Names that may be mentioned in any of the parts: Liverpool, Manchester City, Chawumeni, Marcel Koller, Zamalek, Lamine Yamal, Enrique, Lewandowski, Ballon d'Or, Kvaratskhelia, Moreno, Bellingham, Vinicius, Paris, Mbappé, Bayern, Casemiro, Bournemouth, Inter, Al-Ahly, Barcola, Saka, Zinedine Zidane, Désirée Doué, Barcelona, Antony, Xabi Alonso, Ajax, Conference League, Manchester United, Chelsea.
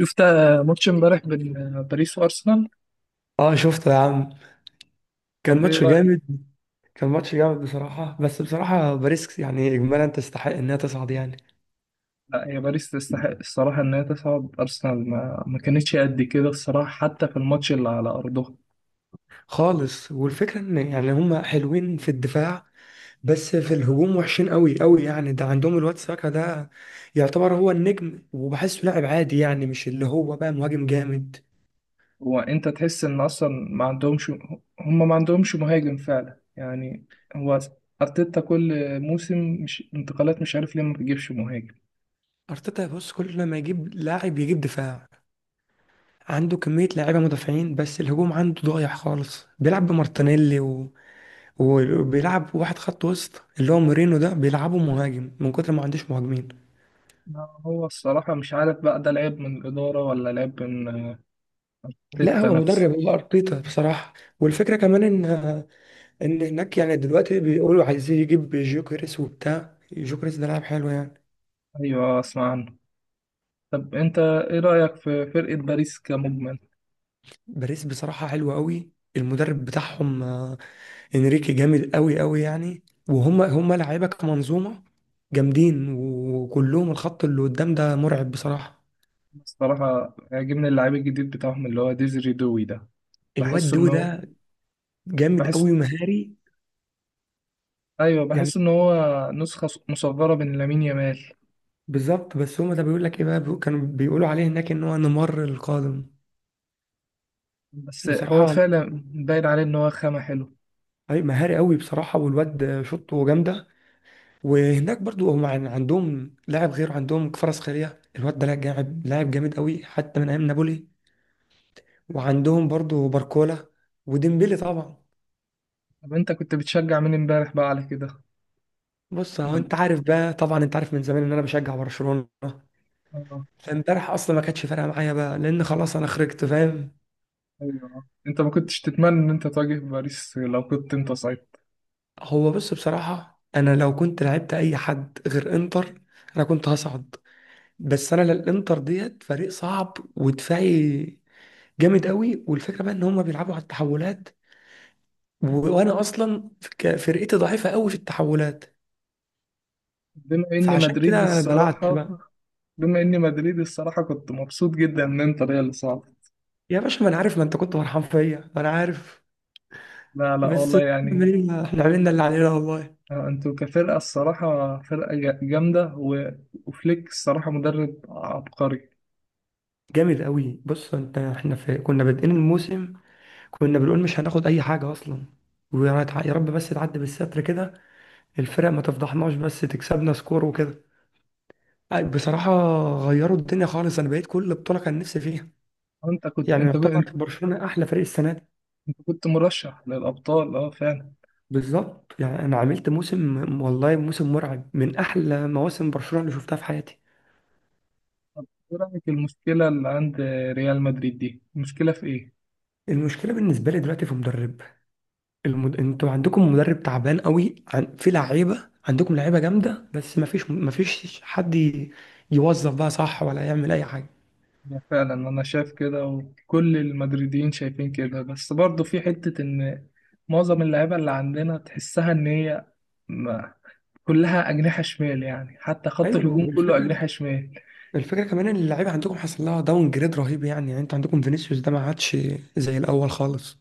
شفت ماتش امبارح بين باريس وارسنال. اه، شفته يا عم. كان طب ايه ماتش رايك؟ جامد. بصراحة بس بصراحة باريس يعني إجمالا تستحق إنها تصعد يعني. لا، هي باريس تستحق الصراحه ان هي تصعد. ارسنال ما كانتش قد كده الصراحه حتى في الماتش اللي على ارضها. خالص، والفكرة إن يعني هما حلوين في الدفاع، بس في الهجوم وحشين قوي قوي. يعني ده عندهم الواد ساكا ده، يعتبر هو النجم وبحسه لاعب عادي، يعني مش اللي هو بقى مهاجم جامد. هو انت تحس ان اصلا ما عندهمش هم ما عندهمش مهاجم فعلا يعني. هو ارتيتا كل موسم، مش انتقالات مش عارف ليه ما بيجيبش مهاجم. أرتيتا، بص، كل ما يجيب لاعب يجيب دفاع. عنده كمية لاعيبة مدافعين، بس الهجوم عنده ضايع خالص. بيلعب بمارتينيلي، وبيلعب واحد خط وسط اللي هو مورينو ده بيلعبه مهاجم من كتر ما عندوش مهاجمين. ما هو الصراحه مش عارف بقى ده لعيب من الاداره ولا لعيب من لا، ارتيتا هو نفسه. مدرب، هو ارتيتا بصراحه. والفكره كمان ان هناك يعني دلوقتي بيقولوا عايزين يجيب جوكريس، وبتاع جوكريس ده لاعب حلو يعني. ايوه، اسمع عنه. طب انت ايه رايك في فرقه باريس كمجمل؟ باريس بصراحه حلوه قوي. المدرب بتاعهم انريكي جامد قوي قوي يعني. وهم لعيبه كمنظومه جامدين، وكلهم الخط اللي قدام ده مرعب بصراحه. الصراحة عاجبني اللعيب الجديد بتاعهم اللي هو ديزري دوي ده. الواد بحس دو إنه ده جامد بحس قوي ومهاري أيوه، يعني. بحس إن هو نسخة مصغرة من لامين يامال. بالظبط. بس هما ده بيقول لك ايه بقى، كانوا بيقولوا عليه هناك ان هو نيمار القادم. بس هو بصراحه فعلا باين عليه إن هو خامة حلو. اي، مهاري قوي بصراحه، والواد شوطه جامده. وهناك برضو عندهم لاعب، غير عندهم كفاراتسخيليا. الواد ده لاعب جامد، لاعب جامد قوي، حتى من ايام نابولي. وعندهم برضو باركولا، وديمبلي طبعا. طب أنت كنت بتشجع مين إمبارح بقى على كده؟ بص، هو مول- انت عارف بقى، طبعا انت عارف من زمان ان انا بشجع برشلونه. آه. فامبارح اصلا ما كانتش فارقه معايا بقى، لان خلاص انا خرجت فاهم. أيوه، أنت ما كنتش تتمنى إن أنت تواجه باريس لو كنت أنت صايب. هو بص، بصراحة أنا لو كنت لعبت أي حد غير إنتر، أنا كنت هصعد. بس أنا الإنتر ديت فريق صعب ودفاعي جامد قوي، والفكرة بقى إن هما بيلعبوا على التحولات و... وأنا أصلا فرقتي ضعيفة قوي في التحولات، بما إني فعشان مدريد كده بلعت الصراحة بقى. بما إني مدريد الصراحة كنت مبسوط جدا إن أنت ريال صعب. يا باشا، ما أنا عارف، ما أنت كنت فرحان فيا، ما أنا عارف. لا لا، بس والله إحنا يعني. عملنا إحنا عملنا اللي علينا والله. انتوا كفرقة الصراحة فرقة جامدة، وفليك الصراحة مدرب عبقري. جامد قوي. بص أنت، كنا بادئين الموسم، كنا بنقول مش هناخد اي حاجه اصلا، يا رب بس تعدي بالستر كده، الفرق ما تفضحناش، بس تكسبنا سكور وكده بصراحه. غيروا الدنيا خالص. انا بقيت كل بطوله كان نفسي فيها، انت كنت يعني انت يعتبر كنت برشلونه احلى فريق السنه دي. انت كنت مرشح للأبطال، اه فعلا. بالظبط، يعني انا عملت موسم، والله موسم مرعب، من احلى مواسم برشلونه اللي شفتها في حياتي. طب ايه رأيك، المشكلة اللي عند ريال مدريد دي، المشكلة في ايه؟ المشكله بالنسبه لي دلوقتي في مدرب. انتوا عندكم مدرب تعبان قوي، في لعيبه، عندكم لعيبه جامده، بس ما فيش يوظف بقى صح، ولا يعمل اي حاجه. يعني فعلا انا شايف كده وكل المدريديين شايفين كده، بس برضه في حتة ان معظم اللعيبة اللي عندنا تحسها ان هي ما- كلها أجنحة شمال يعني، حتى خط ايوه، الهجوم كله والفكره أجنحة شمال. الفكره كمان ان اللعيبه عندكم حصل لها داون جريد رهيب. يعني انت عندكم فينيسيوس ده ما عادش زي الاول خالص.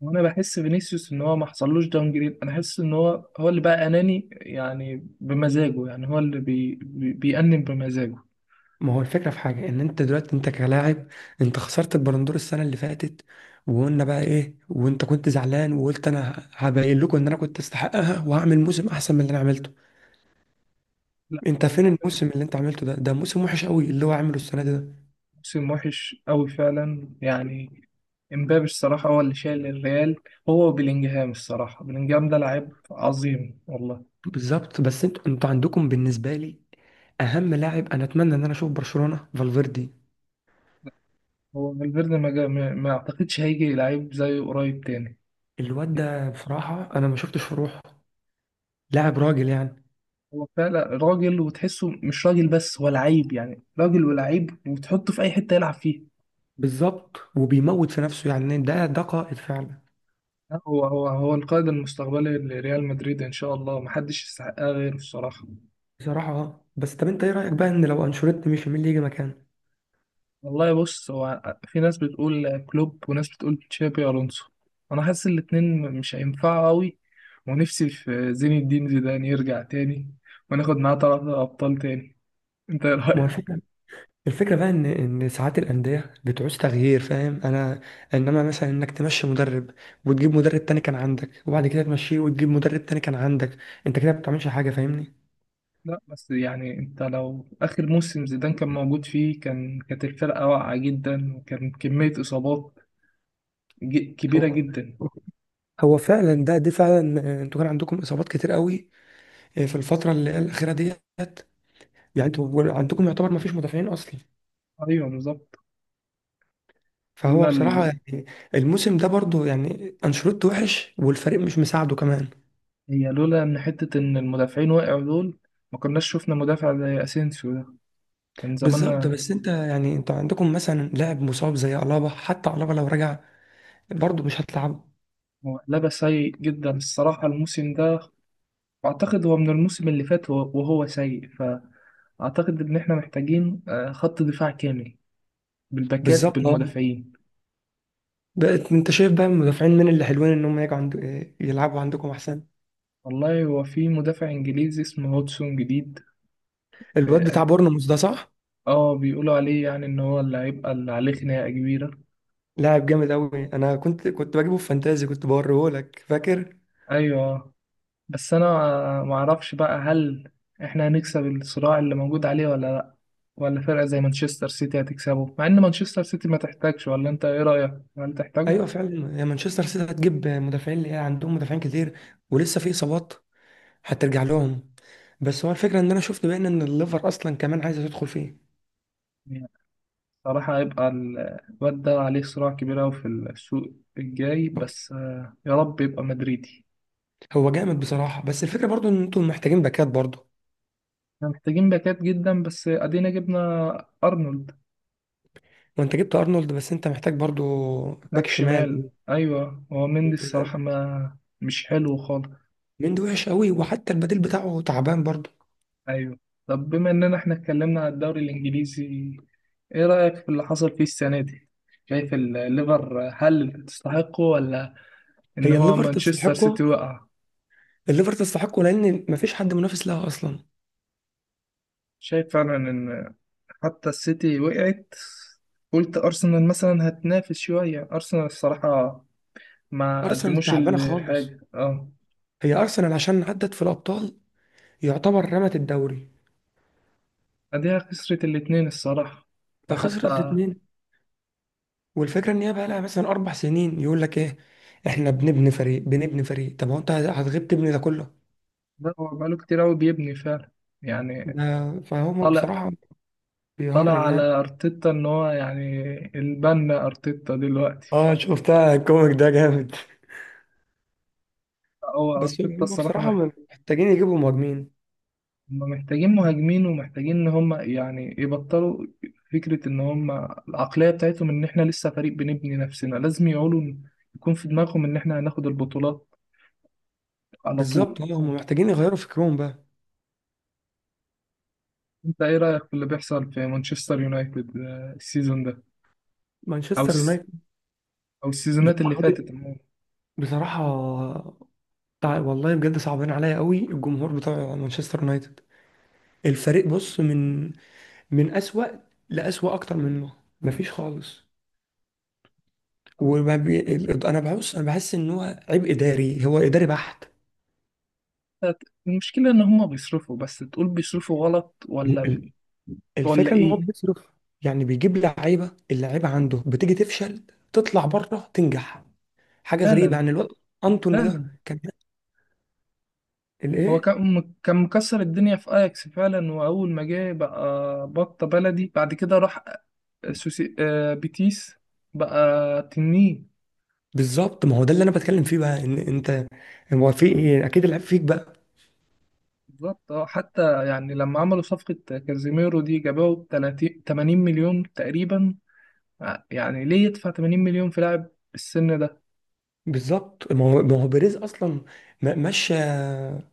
وانا بحس فينيسيوس ان هو ما حصلوش داون جريد، انا حاسس ان هو هو اللي بقى اناني يعني بمزاجه، يعني هو اللي بي بي بيأنب بمزاجه. ما هو الفكره في حاجه، ان انت دلوقتي انت كلاعب، انت خسرت البالندور السنه اللي فاتت، وقلنا بقى ايه، وانت كنت زعلان وقلت انا هبين لكم ان انا كنت استحقها وهعمل موسم احسن من اللي انا عملته. لا، انت فين الموسم اللي انت عملته ده موسم وحش قوي اللي هو عامله السنه دي ده. موسم وحش قوي فعلا يعني. امبابي الصراحة هو اللي شايل الريال، هو وبيلينجهام. الصراحة بيلينجهام ده لعيب عظيم والله. بالظبط. بس انتوا عندكم بالنسبه لي اهم لاعب، انا اتمنى ان انا اشوف برشلونه فالفيردي. هو فالفيردي ما, جا- ما ما اعتقدش هيجي لعيب زيه قريب تاني. الواد ده بصراحة أنا ما شفتش في روحه لاعب راجل يعني. هو فعلا راجل، وتحسه مش راجل، بس هو لعيب يعني، راجل ولعيب وتحطه في اي حتة يلعب فيها. بالظبط. وبيموت في نفسه، يعني ده قائد فعلا. لا، هو القائد المستقبلي لريال مدريد، ان شاء الله محدش يستحقها غيره الصراحه. بصراحة اه. بس طب أنت إيه رأيك بقى، إن لو أنشيلوتي مشي مين اللي يجي مكانه؟ والله بص، هو في ناس بتقول كلوب وناس بتقول تشابي الونسو. انا حاسس الاتنين مش هينفعوا قوي. ونفسي في زين الدين زيدان يرجع تاني، وناخد معاه ثلاثة ابطال تاني. انت ايه ما هو رايك؟ الفكرة، الفكرة بقى إن ساعات الأندية بتعوز تغيير، فاهم أنا؟ إنما مثلا إنك تمشي مدرب وتجيب مدرب تاني كان عندك، وبعد كده تمشيه وتجيب مدرب تاني كان عندك، أنت كده ما بتعملش حاجة، فاهمني؟ لا بس يعني، انت لو اخر موسم زيدان كان موجود فيه كانت الفرقه واقعه جدا، وكان كميه اصابات هو كبيره جدا. هو فعلا ده، دي فعلا. انتوا كان عندكم اصابات كتير قوي في الفتره اللي هي الاخيره ديت. يعني انتوا عندكم يعتبر ما فيش مدافعين اصلا. ايوه بالظبط. فهو لولا بصراحه، يعني الموسم ده برضو يعني، انشيلوتي وحش والفريق مش مساعده كمان. هي لولا ان حتة ان المدافعين وقعوا دول، ما كناش شفنا مدافع زي اسينسيو ده كان بالظبط. زماننا. بس انت يعني انتوا عندكم مثلا لاعب مصاب زي الابا، حتى الابا لو رجع برضو مش هتلعبه. هو لبس سيء جدا الصراحة الموسم ده، واعتقد هو من الموسم اللي فات وهو سيء. فاعتقد ان احنا محتاجين خط دفاع كامل، بالباكات بالظبط اه. بالمدافعين. بقت، انت شايف بقى المدافعين من اللي حلوين ان هم يجوا عند يلعبوا عندكم احسن؟ والله هو في مدافع انجليزي اسمه هودسون جديد. الواد اه. بتاع بورنموث ده، صح؟ بيقولوا عليه يعني ان هو اللي هيبقى اللي عليه خناقة كبيرة. لاعب جامد قوي. انا كنت بجيبه في فانتازي، كنت بوريه لك، فاكر؟ ايوه، بس انا ما اعرفش بقى هل احنا هنكسب الصراع اللي موجود عليه ولا لا، ولا فرقة زي مانشستر سيتي هتكسبه، مع ان مانشستر سيتي ما تحتاجش. ولا انت ايه رأيك، هل تحتاجه؟ ايوه فعلا، يا مانشستر سيتي هتجيب مدافعين، اللي هي عندهم مدافعين كتير ولسه في اصابات، حتى ارجع لهم. بس هو الفكره ان انا شفت بقى ان الليفر اصلا كمان عايزه تدخل فيه. يعني صراحة هيبقى الواد ده عليه صراع كبير أوي في السوق الجاي، بس يا رب يبقى مدريدي. هو جامد بصراحه. بس الفكره برضو ان انتوا محتاجين باكات برضو. احنا محتاجين باكات جدا، بس ادينا جبنا ارنولد، وانت جبت ارنولد، بس انت محتاج برضو باك باك شمال. شمال. ايوه، هو مندي الصراحة ما مش حلو خالص. من ده وحش قوي، وحتى البديل بتاعه تعبان برضو. ايوه. طب بما اننا احنا اتكلمنا عن الدوري الانجليزي، ايه رأيك في اللي حصل فيه السنة دي؟ شايف الليفر هل تستحقه، ولا ان هي هو الليفر مانشستر سيتي تستحقه. وقع؟ الليفر تستحقه، لان مفيش حد منافس لها اصلا. شايف فعلا ان حتى السيتي وقعت. قلت ارسنال مثلا هتنافس شوية، ارسنال الصراحة ما ارسنال قدموش تعبانه خالص. الحاجة اه. هي ارسنال عشان عدت في الابطال، يعتبر رمت الدوري، اديها خسرت الاتنين الصراحة، فخسرت وحتى الاتنين. والفكره ان هي بقى لها مثلا 4 سنين يقول لك ايه، احنا بنبني فريق، بنبني فريق. طب هو انت هتغيب تبني ده كله؟ ده هو بقاله كتير قوي بيبني فعلا يعني، ده فهم طالع بصراحه طلع بيهرج على يعني. ارتيتا ان هو يعني البنا ارتيتا دلوقتي. اه، شفتها الكوميك ده جامد. هو بس ارتيتا هم الصراحه بصراحه محتاجين يجيبوا مهاجمين. هما محتاجين مهاجمين، ومحتاجين ان هم يعني يبطلوا فكره ان هم العقليه بتاعتهم ان احنا لسه فريق بنبني نفسنا. لازم يقولوا يكون في دماغهم ان احنا هناخد البطولات على طول. بالظبط اه، هم محتاجين يغيروا فكرهم بقى. انت ايه رايك في اللي بيحصل في مانشستر يونايتد السيزون ده، او مانشستر الس- يونايتد او لو السيزونات اللي خدت، فاتت عموما؟ بصراحه والله بجد صعبان عليا قوي الجمهور بتاع مانشستر يونايتد. الفريق، بص، من من اسوأ لأسوأ اكتر منه. مفيش خالص. انا بحس ان هو عبء اداري، هو اداري بحت. المشكله ان هم بيصرفوا، بس تقول بيصرفوا غلط، ولا ال- ولا الفكره ان هو ايه؟ بيصرف، يعني بيجيب لعيبه، اللعيبه عنده بتيجي تفشل، تطلع بره تنجح. حاجه لا غريبه لا، يعني. الواد انتون لا ده لا. كان هو الايه؟ كان كان مكسر الدنيا في اياكس فعلا، واول ما جه بقى بطة بلدي، بعد كده راح سوسي بيتيس بقى تنين. بالظبط، ما هو ده اللي انا بتكلم فيه بقى، ان انت هو في ايه، اكيد العيب فيك بقى. بالظبط. حتى يعني لما عملوا صفقة كازيميرو دي، جابوه ب 30 80 مليون تقريبا. يعني ليه يدفع 80 مليون في لاعب بالسن ده؟ بالظبط. ما هو، ما هو بيريز اصلا مشى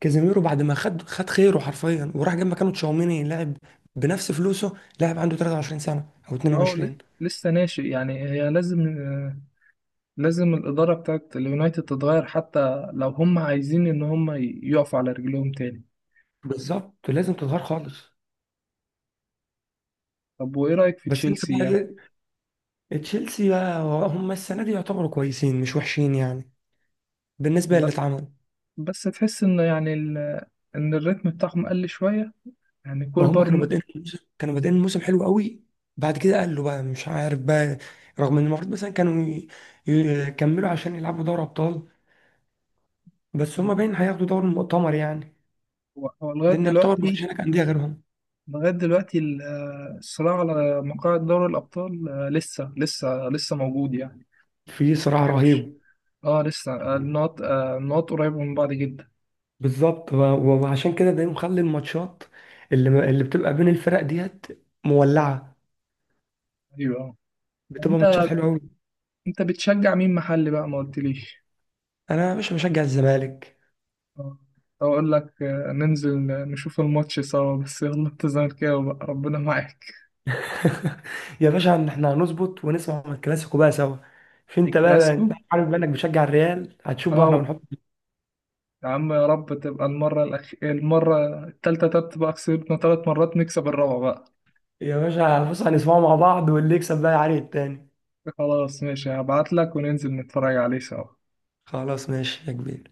كازيميرو بعد ما خد خيره حرفيا، وراح جاب مكانه تشاوميني، لاعب بنفس فلوسه، لاعب عنده 23 سنه او اهو 22. لسه ناشئ يعني، هي لازم، لازم الإدارة بتاعت اليونايتد تتغير حتى لو هم عايزين إن هم يقفوا على رجلهم تاني. بالظبط، لازم تتغير خالص. طب وإيه رأيك في بس انت تشيلسي يعني؟ بقى، ايه تشيلسي بقى؟ هم السنه دي يعتبروا كويسين، مش وحشين يعني بالنسبه للي اتعمل. بس تحس إن يعني إن الريتم بتاعهم قل شوية، يعني ما كول هم كانوا بار. بادئين الموسم، كانوا بادئين الموسم حلو قوي، بعد كده قالوا بقى مش عارف بقى، رغم ان المفروض مثلا كانوا يكملوا عشان يلعبوا دوري ابطال. بس هم باين هياخدوا دوري المؤتمر يعني، هو لغاية لان يعتبر ما فيش دلوقتي، هناك انديه غيرهم. الصراع على مقاعد دوري الأبطال لسه موجود يعني. في صراع تمشي. رهيب. اه لسه، النقط قريبة من بعض جدا. بالظبط، وعشان كده ده مخلي الماتشات اللي بتبقى بين الفرق ديت مولعه، أيوه آه. بتبقى ماتشات أنت حلوه قوي. أنت بتشجع مين محلي بقى، ما قلتليش؟ انا يا باشا بشجع الزمالك. آه، أقول لك، ننزل نشوف الماتش سوا بس. يلا أنت زملكاوي بقى ربنا معاك. يا باشا، إن احنا هنظبط ونسمع من الكلاسيكو بقى سوا. مش انت بقى، انت الكلاسيكو، عارف بقى انك بتشجع الريال، هتشوف بقى احنا اه. بنحط. يا عم، يا رب تبقى المرة المرة التالتة ده، تبقى كسبنا تلات مرات نكسب الرابعة بقى. يا باشا بص، هنسمعه مع بعض، واللي يكسب بقى يعاني التاني. خلاص ماشي، هبعتلك وننزل نتفرج عليه سوا. خلاص ماشي يا كبير.